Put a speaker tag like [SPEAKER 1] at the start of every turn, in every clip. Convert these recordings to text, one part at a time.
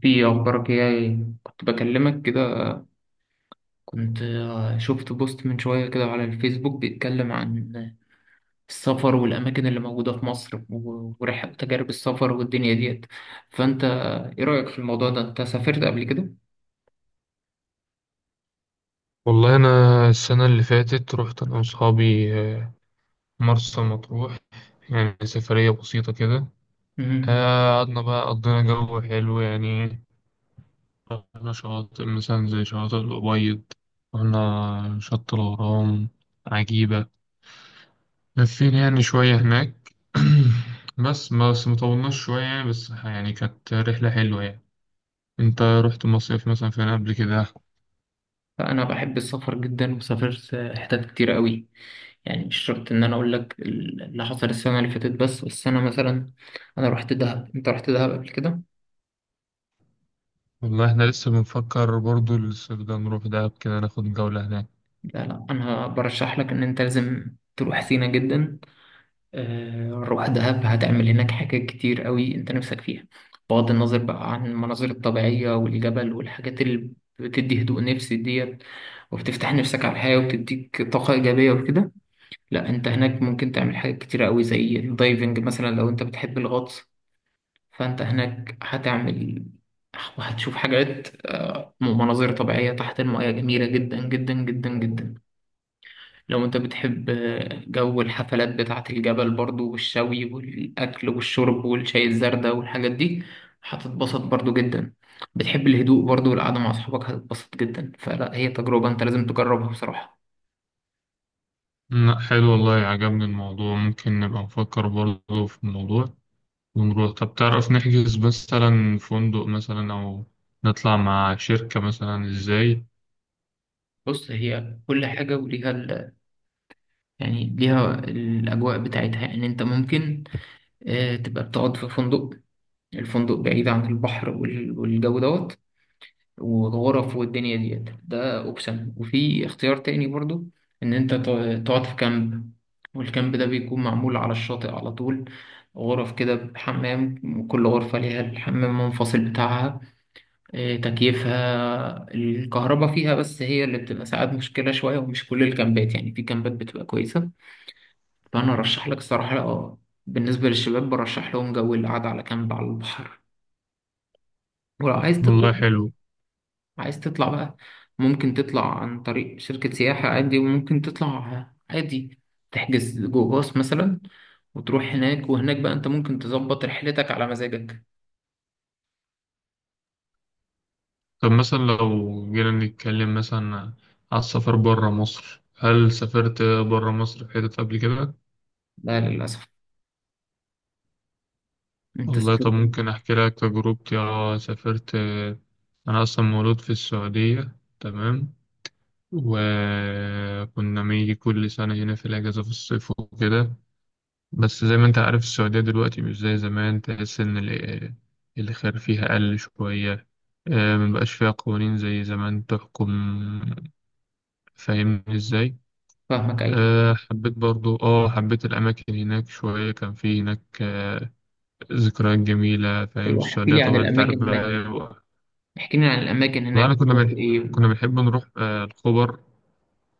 [SPEAKER 1] في أخبارك إيه؟ كنت بكلمك كده. كنت شفت بوست من شوية كده على الفيسبوك بيتكلم عن السفر والأماكن اللي موجودة في مصر ورحلة تجارب السفر والدنيا ديت. فأنت إيه رأيك في الموضوع ده؟ أنت سافرت قبل كده؟
[SPEAKER 2] والله أنا السنة اللي فاتت رحت أنا وأصحابي مرسى مطروح. يعني سفرية بسيطة كده.
[SPEAKER 1] مم.
[SPEAKER 2] قعدنا بقى قضينا جو حلو يعني. رحنا شواطئ مثلا زي شواطئ الأبيض. رحنا شط الغرام عجيبة. لفينا يعني شوية هناك. بس مطولناش شوية يعني، بس يعني كانت رحلة حلوة يعني. أنت رحت مصيف مثلا فين قبل كده؟
[SPEAKER 1] فأنا بحب السفر جدا وسافرت حتت كتير قوي، يعني مش شرط إن أنا أقول لك اللي حصل السنة اللي فاتت، بس أنا مثلا أنا رحت دهب. أنت رحت دهب قبل كده؟
[SPEAKER 2] والله احنا لسه بنفكر برضو الصيف ده نروح دهب كده ناخد جولة هناك.
[SPEAKER 1] لا لا، أنا برشح لك إن أنت لازم تروح سينا جدا. روح دهب، هتعمل هناك حاجات كتير قوي انت نفسك فيها، بغض النظر بقى عن المناظر الطبيعية والجبل والحاجات اللي بتدي هدوء نفسي ديت وبتفتح نفسك على الحياة وبتديك طاقة إيجابية وكده. لا، انت هناك ممكن تعمل حاجات كتير قوي زي الدايفنج مثلا، لو انت بتحب الغطس فانت هناك هتعمل وهتشوف حاجات، مناظر طبيعية تحت المياه جميلة جدا جدا جدا جدا. لو انت بتحب جو الحفلات بتاعة الجبل برضو والشوي والأكل والشرب والشاي الزردة والحاجات دي هتتبسط برضو جدا. بتحب الهدوء برضو والقعدة مع أصحابك هتتبسط جدا، فلا هي تجربة انت لازم تجربها بصراحة.
[SPEAKER 2] لا، حلو والله، عجبني الموضوع، ممكن نبقى نفكر برضه في الموضوع ونروح. طب تعرف نحجز مثلا فندق مثلا أو نطلع مع شركة مثلا إزاي؟
[SPEAKER 1] بص، هي كل حاجة وليها ال... يعني ليها الأجواء بتاعتها. يعني انت ممكن تبقى بتقعد في فندق، الفندق بعيد عن البحر والجو دوت وغرف والدنيا ديت، ده اوبشن. وفي اختيار تاني برضو، ان انت تقعد في كامب، والكامب ده بيكون معمول على الشاطئ على طول. غرف كده بحمام، وكل غرفة ليها الحمام منفصل بتاعها، تكييفها الكهرباء فيها، بس هي اللي بتبقى ساعات مشكلة شوية، ومش كل الكامبات، يعني في كامبات بتبقى كويسة. فأنا أرشح لك الصراحة اه، بالنسبة للشباب برشح لهم جو القعدة على كامب على البحر. ولو عايز تطلع،
[SPEAKER 2] والله حلو.
[SPEAKER 1] عايز تطلع بقى، ممكن تطلع عن طريق شركة سياحة عادي، وممكن تطلع عادي تحجز جو باص مثلا وتروح هناك، وهناك بقى انت ممكن تظبط رحلتك على مزاجك.
[SPEAKER 2] طب مثلا لو جينا نتكلم مثلا على السفر برا مصر، هل سافرت برا مصر في حتت قبل كده؟
[SPEAKER 1] لا للأسف. انت
[SPEAKER 2] والله طب
[SPEAKER 1] سافرت؟
[SPEAKER 2] ممكن أحكي لك تجربتي، سافرت. أنا أصلا مولود في السعودية، تمام. وكنا بنيجي كل سنة هنا في الأجازة في الصيف وكده. بس زي ما أنت عارف، السعودية دلوقتي مش زي زمان، تحس إن الخير فيها قل شوية. مبقاش فيها قوانين زي زمان تحكم. فاهمني ازاي؟
[SPEAKER 1] فاهمك ايوه.
[SPEAKER 2] أه، حبيت برضو، حبيت الأماكن هناك شوية، كان في هناك ذكريات جميلة. فاهم
[SPEAKER 1] ايوه، احكي
[SPEAKER 2] السعودية
[SPEAKER 1] لي عن
[SPEAKER 2] طبعا، انت عارف
[SPEAKER 1] الاماكن هناك،
[SPEAKER 2] بقى.
[SPEAKER 1] احكي لي عن الاماكن
[SPEAKER 2] والله
[SPEAKER 1] هناك
[SPEAKER 2] أنا كنا
[SPEAKER 1] بتقضي
[SPEAKER 2] كنا
[SPEAKER 1] ايه.
[SPEAKER 2] بنحب نروح الخبر.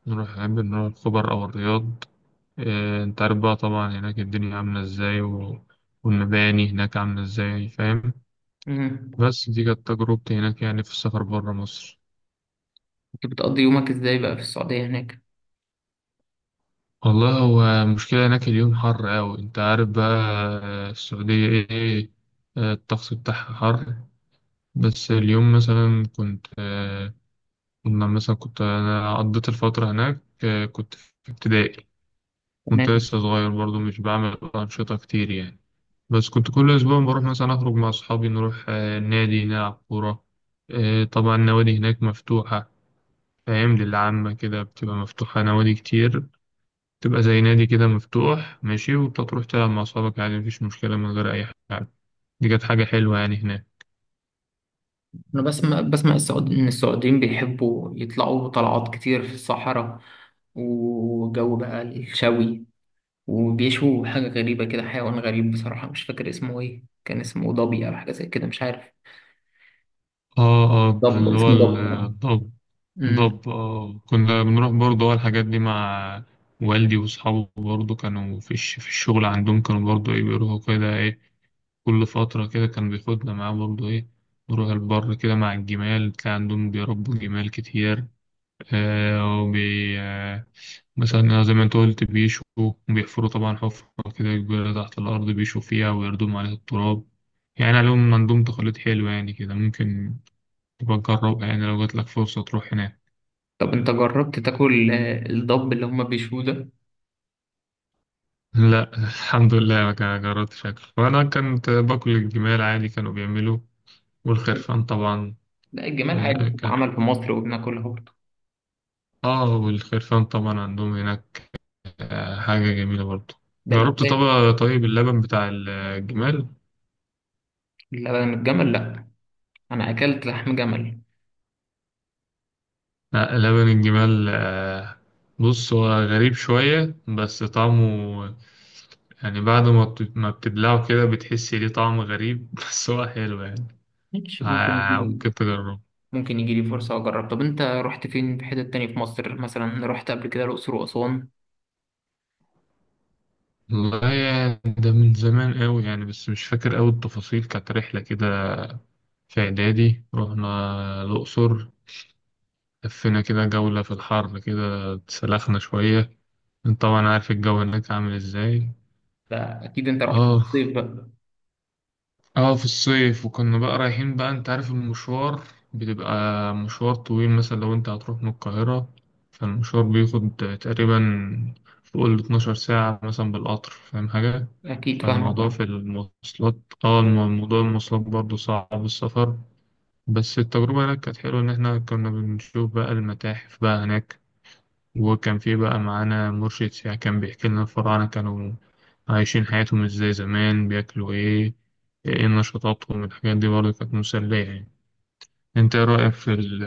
[SPEAKER 2] نحب نروح الخبر أو الرياض. أنت عارف بقى، طبعا هناك الدنيا عاملة إزاي والمباني هناك عاملة إزاي، فاهم.
[SPEAKER 1] مم.
[SPEAKER 2] بس دي كانت تجربتي هناك يعني في السفر برا مصر.
[SPEAKER 1] كنت بتقضي يومك ازاي بقى في السعودية هناك؟
[SPEAKER 2] والله هو المشكلة هناك اليوم حر أوي، أنت عارف بقى. السعودية إيه. الطقس بتاعها حر. بس اليوم مثلا كنت أنا قضيت الفترة هناك، كنت في ابتدائي. كنت
[SPEAKER 1] تمام.
[SPEAKER 2] لسه صغير برضو، مش بعمل أنشطة كتير يعني. بس كنت كل أسبوع بروح مثلا، أخرج مع أصحابي نروح النادي نلعب كورة. طبعا النوادي هناك مفتوحة. فاهم، للعامة كده بتبقى مفتوحة نوادي كتير. بتبقى زي نادي كده مفتوح ماشي، وبتروح تلعب مع أصحابك عادي مفيش مشكلة من غير أي حاجة. دي كانت حاجة حلوة يعني هناك.
[SPEAKER 1] انا بسمع بسمع ان السعوديين بيحبوا يطلعوا طلعات كتير في الصحراء، وجو بقى الشوي، وبيشوا حاجة غريبة كده، حيوان غريب بصراحة مش فاكر اسمه ايه، كان اسمه ضبي أو حاجة زي كده، مش عارف.
[SPEAKER 2] اه، اه،
[SPEAKER 1] ضب،
[SPEAKER 2] اللي هو
[SPEAKER 1] اسمه ضب اه.
[SPEAKER 2] الضبط.
[SPEAKER 1] أمم.
[SPEAKER 2] ضب، اه، كنا بنروح برضه الحاجات دي مع والدي وأصحابه، برضه كانوا في الشغل عندهم كانوا برضه إيه بيروحوا كده إيه، كل فترة كده كان بياخدنا معاه برضه إيه، نروح البر كده مع الجمال تلاقي عندهم بيربوا جمال كتير. آه وبي آه مثلا زي ما أنت قلت، بيشوا وبيحفروا طبعا حفرة كده كبيرة تحت الأرض، بيشوا فيها ويردموا عليها التراب. يعني عليهم، عندهم تقاليد حلوة يعني كده، ممكن تبقى تجربها يعني لو جاتلك فرصة تروح هناك.
[SPEAKER 1] طب انت جربت تاكل الضب اللي هما بيشوه ده؟
[SPEAKER 2] لا، الحمد لله ما كان جربت شكل، وانا كنت باكل الجمال عادي كانوا بيعملوا. والخرفان طبعا.
[SPEAKER 1] لا الجمال عادي
[SPEAKER 2] كانت
[SPEAKER 1] بتتعمل في مصر وبناكلها برضه،
[SPEAKER 2] اه والخرفان طبعا عندهم هناك، حاجة جميلة برضو.
[SPEAKER 1] ده
[SPEAKER 2] جربت
[SPEAKER 1] الأساس.
[SPEAKER 2] طبعا طيب اللبن بتاع الجمال.
[SPEAKER 1] لبن الجمل لا، أنا أكلت لحم جمل.
[SPEAKER 2] لا، لبن الجمال، بص هو غريب شوية بس طعمه، يعني بعد ما بتبلعه كده بتحس ليه طعم غريب. بس هو حلو يعني.
[SPEAKER 1] ماشي، ممكن يجي،
[SPEAKER 2] ممكن تجربه.
[SPEAKER 1] ممكن يجي لي فرصة أجرب. طب أنت رحت فين في حتت تانية في مصر، مثلا رحت قبل كده الأقصر وأسوان؟
[SPEAKER 2] والله ده من زمان قوي يعني، بس مش فاكر قوي التفاصيل، كانت رحلة كده. في إعدادي رحنا الأقصر. لفينا كده جولة في الحر كده اتسلخنا شوية. انت طبعا عارف الجو هناك عامل ازاي.
[SPEAKER 1] ده أكيد أنت رحت في
[SPEAKER 2] اه.
[SPEAKER 1] الصيف بقى.
[SPEAKER 2] اه، في الصيف، وكنا بقى رايحين بقى انت عارف المشوار. بتبقى مشوار طويل، مثلا لو انت هتروح من القاهرة، فالمشوار بياخد تقريبا فوق ال 12 ساعة مثلا بالقطر، فاهم حاجة؟
[SPEAKER 1] أكيد فاهمك
[SPEAKER 2] فالموضوع
[SPEAKER 1] أه.
[SPEAKER 2] في المواصلات. موضوع المواصلات برضه صعب السفر. بس التجربة هناك كانت حلوة، إن احنا كنا بنشوف بقى المتاحف بقى هناك، وكان في بقى معانا مرشد سياحي كان بيحكي لنا الفراعنة كانوا عايشين حياتهم ازاي زمان، بياكلوا ايه، ايه نشاطاتهم، الحاجات دي برضه كانت مسلية يعني. انت ايه رأيك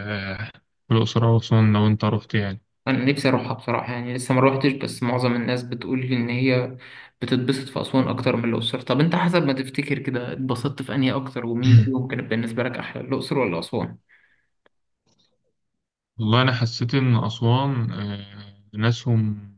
[SPEAKER 2] في الأقصر وأسوان لو انت رحت يعني؟
[SPEAKER 1] انا نفسي اروحها بصراحه، يعني لسه ما روحتش، بس معظم الناس بتقول لي ان هي بتتبسط في اسوان اكتر من الاقصر. طب انت حسب ما تفتكر كده اتبسطت في انهي اكتر، ومين فيهم كانت بالنسبه لك احلى، الاقصر ولا اسوان؟
[SPEAKER 2] والله أنا حسيت إن أسوان ناسهم،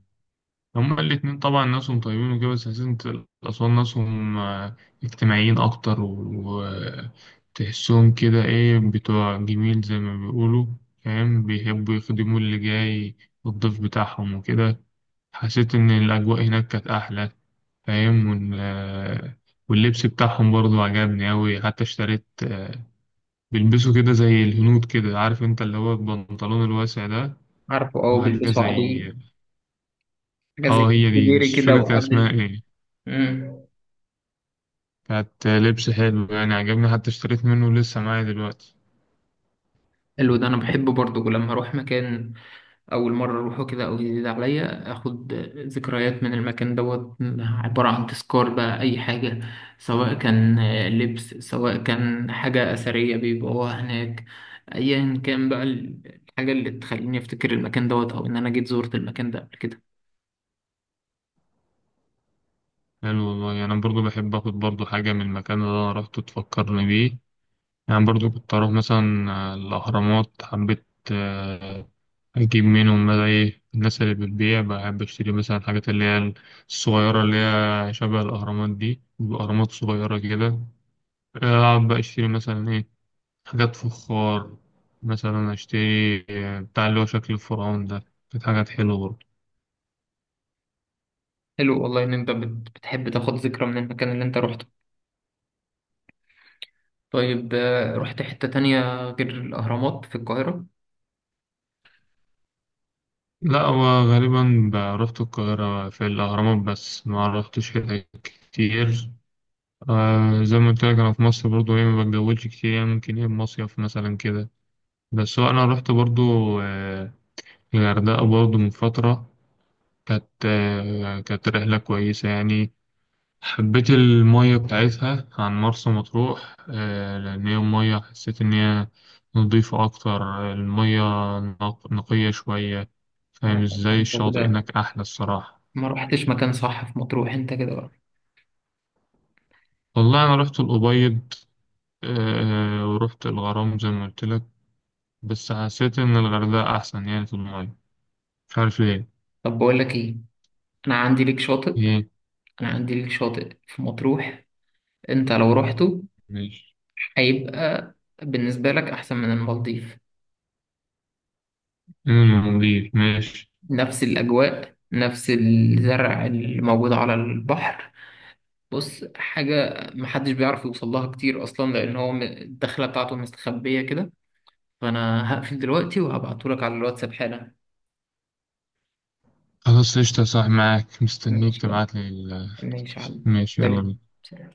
[SPEAKER 2] هما الاتنين طبعا ناسهم طيبين وكده، بس سلسلة الأسوان ناسهم اجتماعيين أكتر، وتحسهم كده إيه بتوع جميل زي ما بيقولوا. فاهم، بيحبوا يخدموا اللي جاي، الضيف بتاعهم وكده. حسيت إن الأجواء هناك كانت أحلى. فاهم. وإن- آه، واللبس بتاعهم برضو عجبني أوي، حتى اشتريت بيلبسوا كده زي الهنود كده، عارف أنت اللي هو البنطلون الواسع ده.
[SPEAKER 1] عارفه اه،
[SPEAKER 2] وحاجة
[SPEAKER 1] بيلبسوا
[SPEAKER 2] زي،
[SPEAKER 1] عليه حاجه زي
[SPEAKER 2] اه، هي دي بس
[SPEAKER 1] السديري
[SPEAKER 2] مش
[SPEAKER 1] كده
[SPEAKER 2] فاكر كان اسمها
[SPEAKER 1] وقبل.
[SPEAKER 2] ايه.
[SPEAKER 1] امم.
[SPEAKER 2] كانت لبس حلو يعني، عجبني حتى اشتريت منه لسه معايا دلوقتي.
[SPEAKER 1] حلو، ده انا بحبه برضه، لما اروح مكان أول مرة أروحه كده أو جديد عليا، أخد ذكريات من المكان دوت، عبارة عن تذكار بقى، أي حاجة، سواء كان لبس، سواء كان حاجة أثرية بيبقوها هناك، أيا كان بقى الحاجة اللي تخليني أفتكر المكان دوت، أو إن أنا جيت زورت المكان ده قبل كده.
[SPEAKER 2] حلو والله، يعني أنا برضو بحب آخد برضو حاجة من المكان اللي أنا روحته تفكرني بيه. يعني برضو كنت أروح مثلا الأهرامات، حبيت آه، أجيب منهم بقى إيه، الناس اللي بتبيع بحب أشتري مثلا الحاجات اللي هي الصغيرة، اللي هي شبه الأهرامات دي، الأهرامات صغيرة كده. أقعد بقى أشتري مثلا إيه، حاجات فخار، مثلا أشتري بتاع اللي هو شكل الفرعون ده. كانت حاجات حلوة برضو.
[SPEAKER 1] حلو والله إن أنت بتحب تاخد ذكرى من المكان اللي أنت روحته. طيب، رحت حتة تانية غير الأهرامات في القاهرة؟
[SPEAKER 2] لا، هو غالبا رحت القاهرة في الأهرامات بس ما رحتش هنا كتير. آه، زي ما قلت لك، أنا في مصر برضو إيه ما بتجولش كتير يعني، ممكن إيه مصيف مثلا كده. بس هو أنا رحت برضو آه الغردقة برضو من فترة. كانت رحلة كويسة يعني. حبيت المية بتاعتها عن مرسى مطروح، لأن هي المية حسيت إن هي نضيفة أكتر. المية نقية شوية،
[SPEAKER 1] لا،
[SPEAKER 2] فاهم ازاي،
[SPEAKER 1] أنت
[SPEAKER 2] الشاطئ
[SPEAKER 1] كده
[SPEAKER 2] هناك احلى الصراحة.
[SPEAKER 1] ما رحتش مكان صح في مطروح، أنت كده بقى.
[SPEAKER 2] والله أنا رحت الأبيض، ورحت الغرام زي ما قلت لك. بس حسيت إن الغردقة أحسن يعني في المية، مش عارف ليه.
[SPEAKER 1] طب بقول لك إيه، انا عندي ليك شاطئ،
[SPEAKER 2] إيه؟
[SPEAKER 1] انا عندي ليك شاطئ في مطروح، انت لو رحته
[SPEAKER 2] ماشي.
[SPEAKER 1] هيبقى بالنسبة لك احسن من المالديف.
[SPEAKER 2] المالديف ماشي.
[SPEAKER 1] نفس الاجواء، نفس الزرع اللي موجود على البحر. بص، حاجة محدش بيعرف يوصل لها كتير اصلا، لان هو الدخلة بتاعته مستخبية كده. فانا هقفل دلوقتي وهبعتهولك على الواتساب حالا.
[SPEAKER 2] خلاص قشطة، صح معاك، مستنيك
[SPEAKER 1] ماشي يلا،
[SPEAKER 2] تبعتلي
[SPEAKER 1] ماشي يا علي.
[SPEAKER 2] ماشي يلا
[SPEAKER 1] سلام،
[SPEAKER 2] بينا.
[SPEAKER 1] سلام.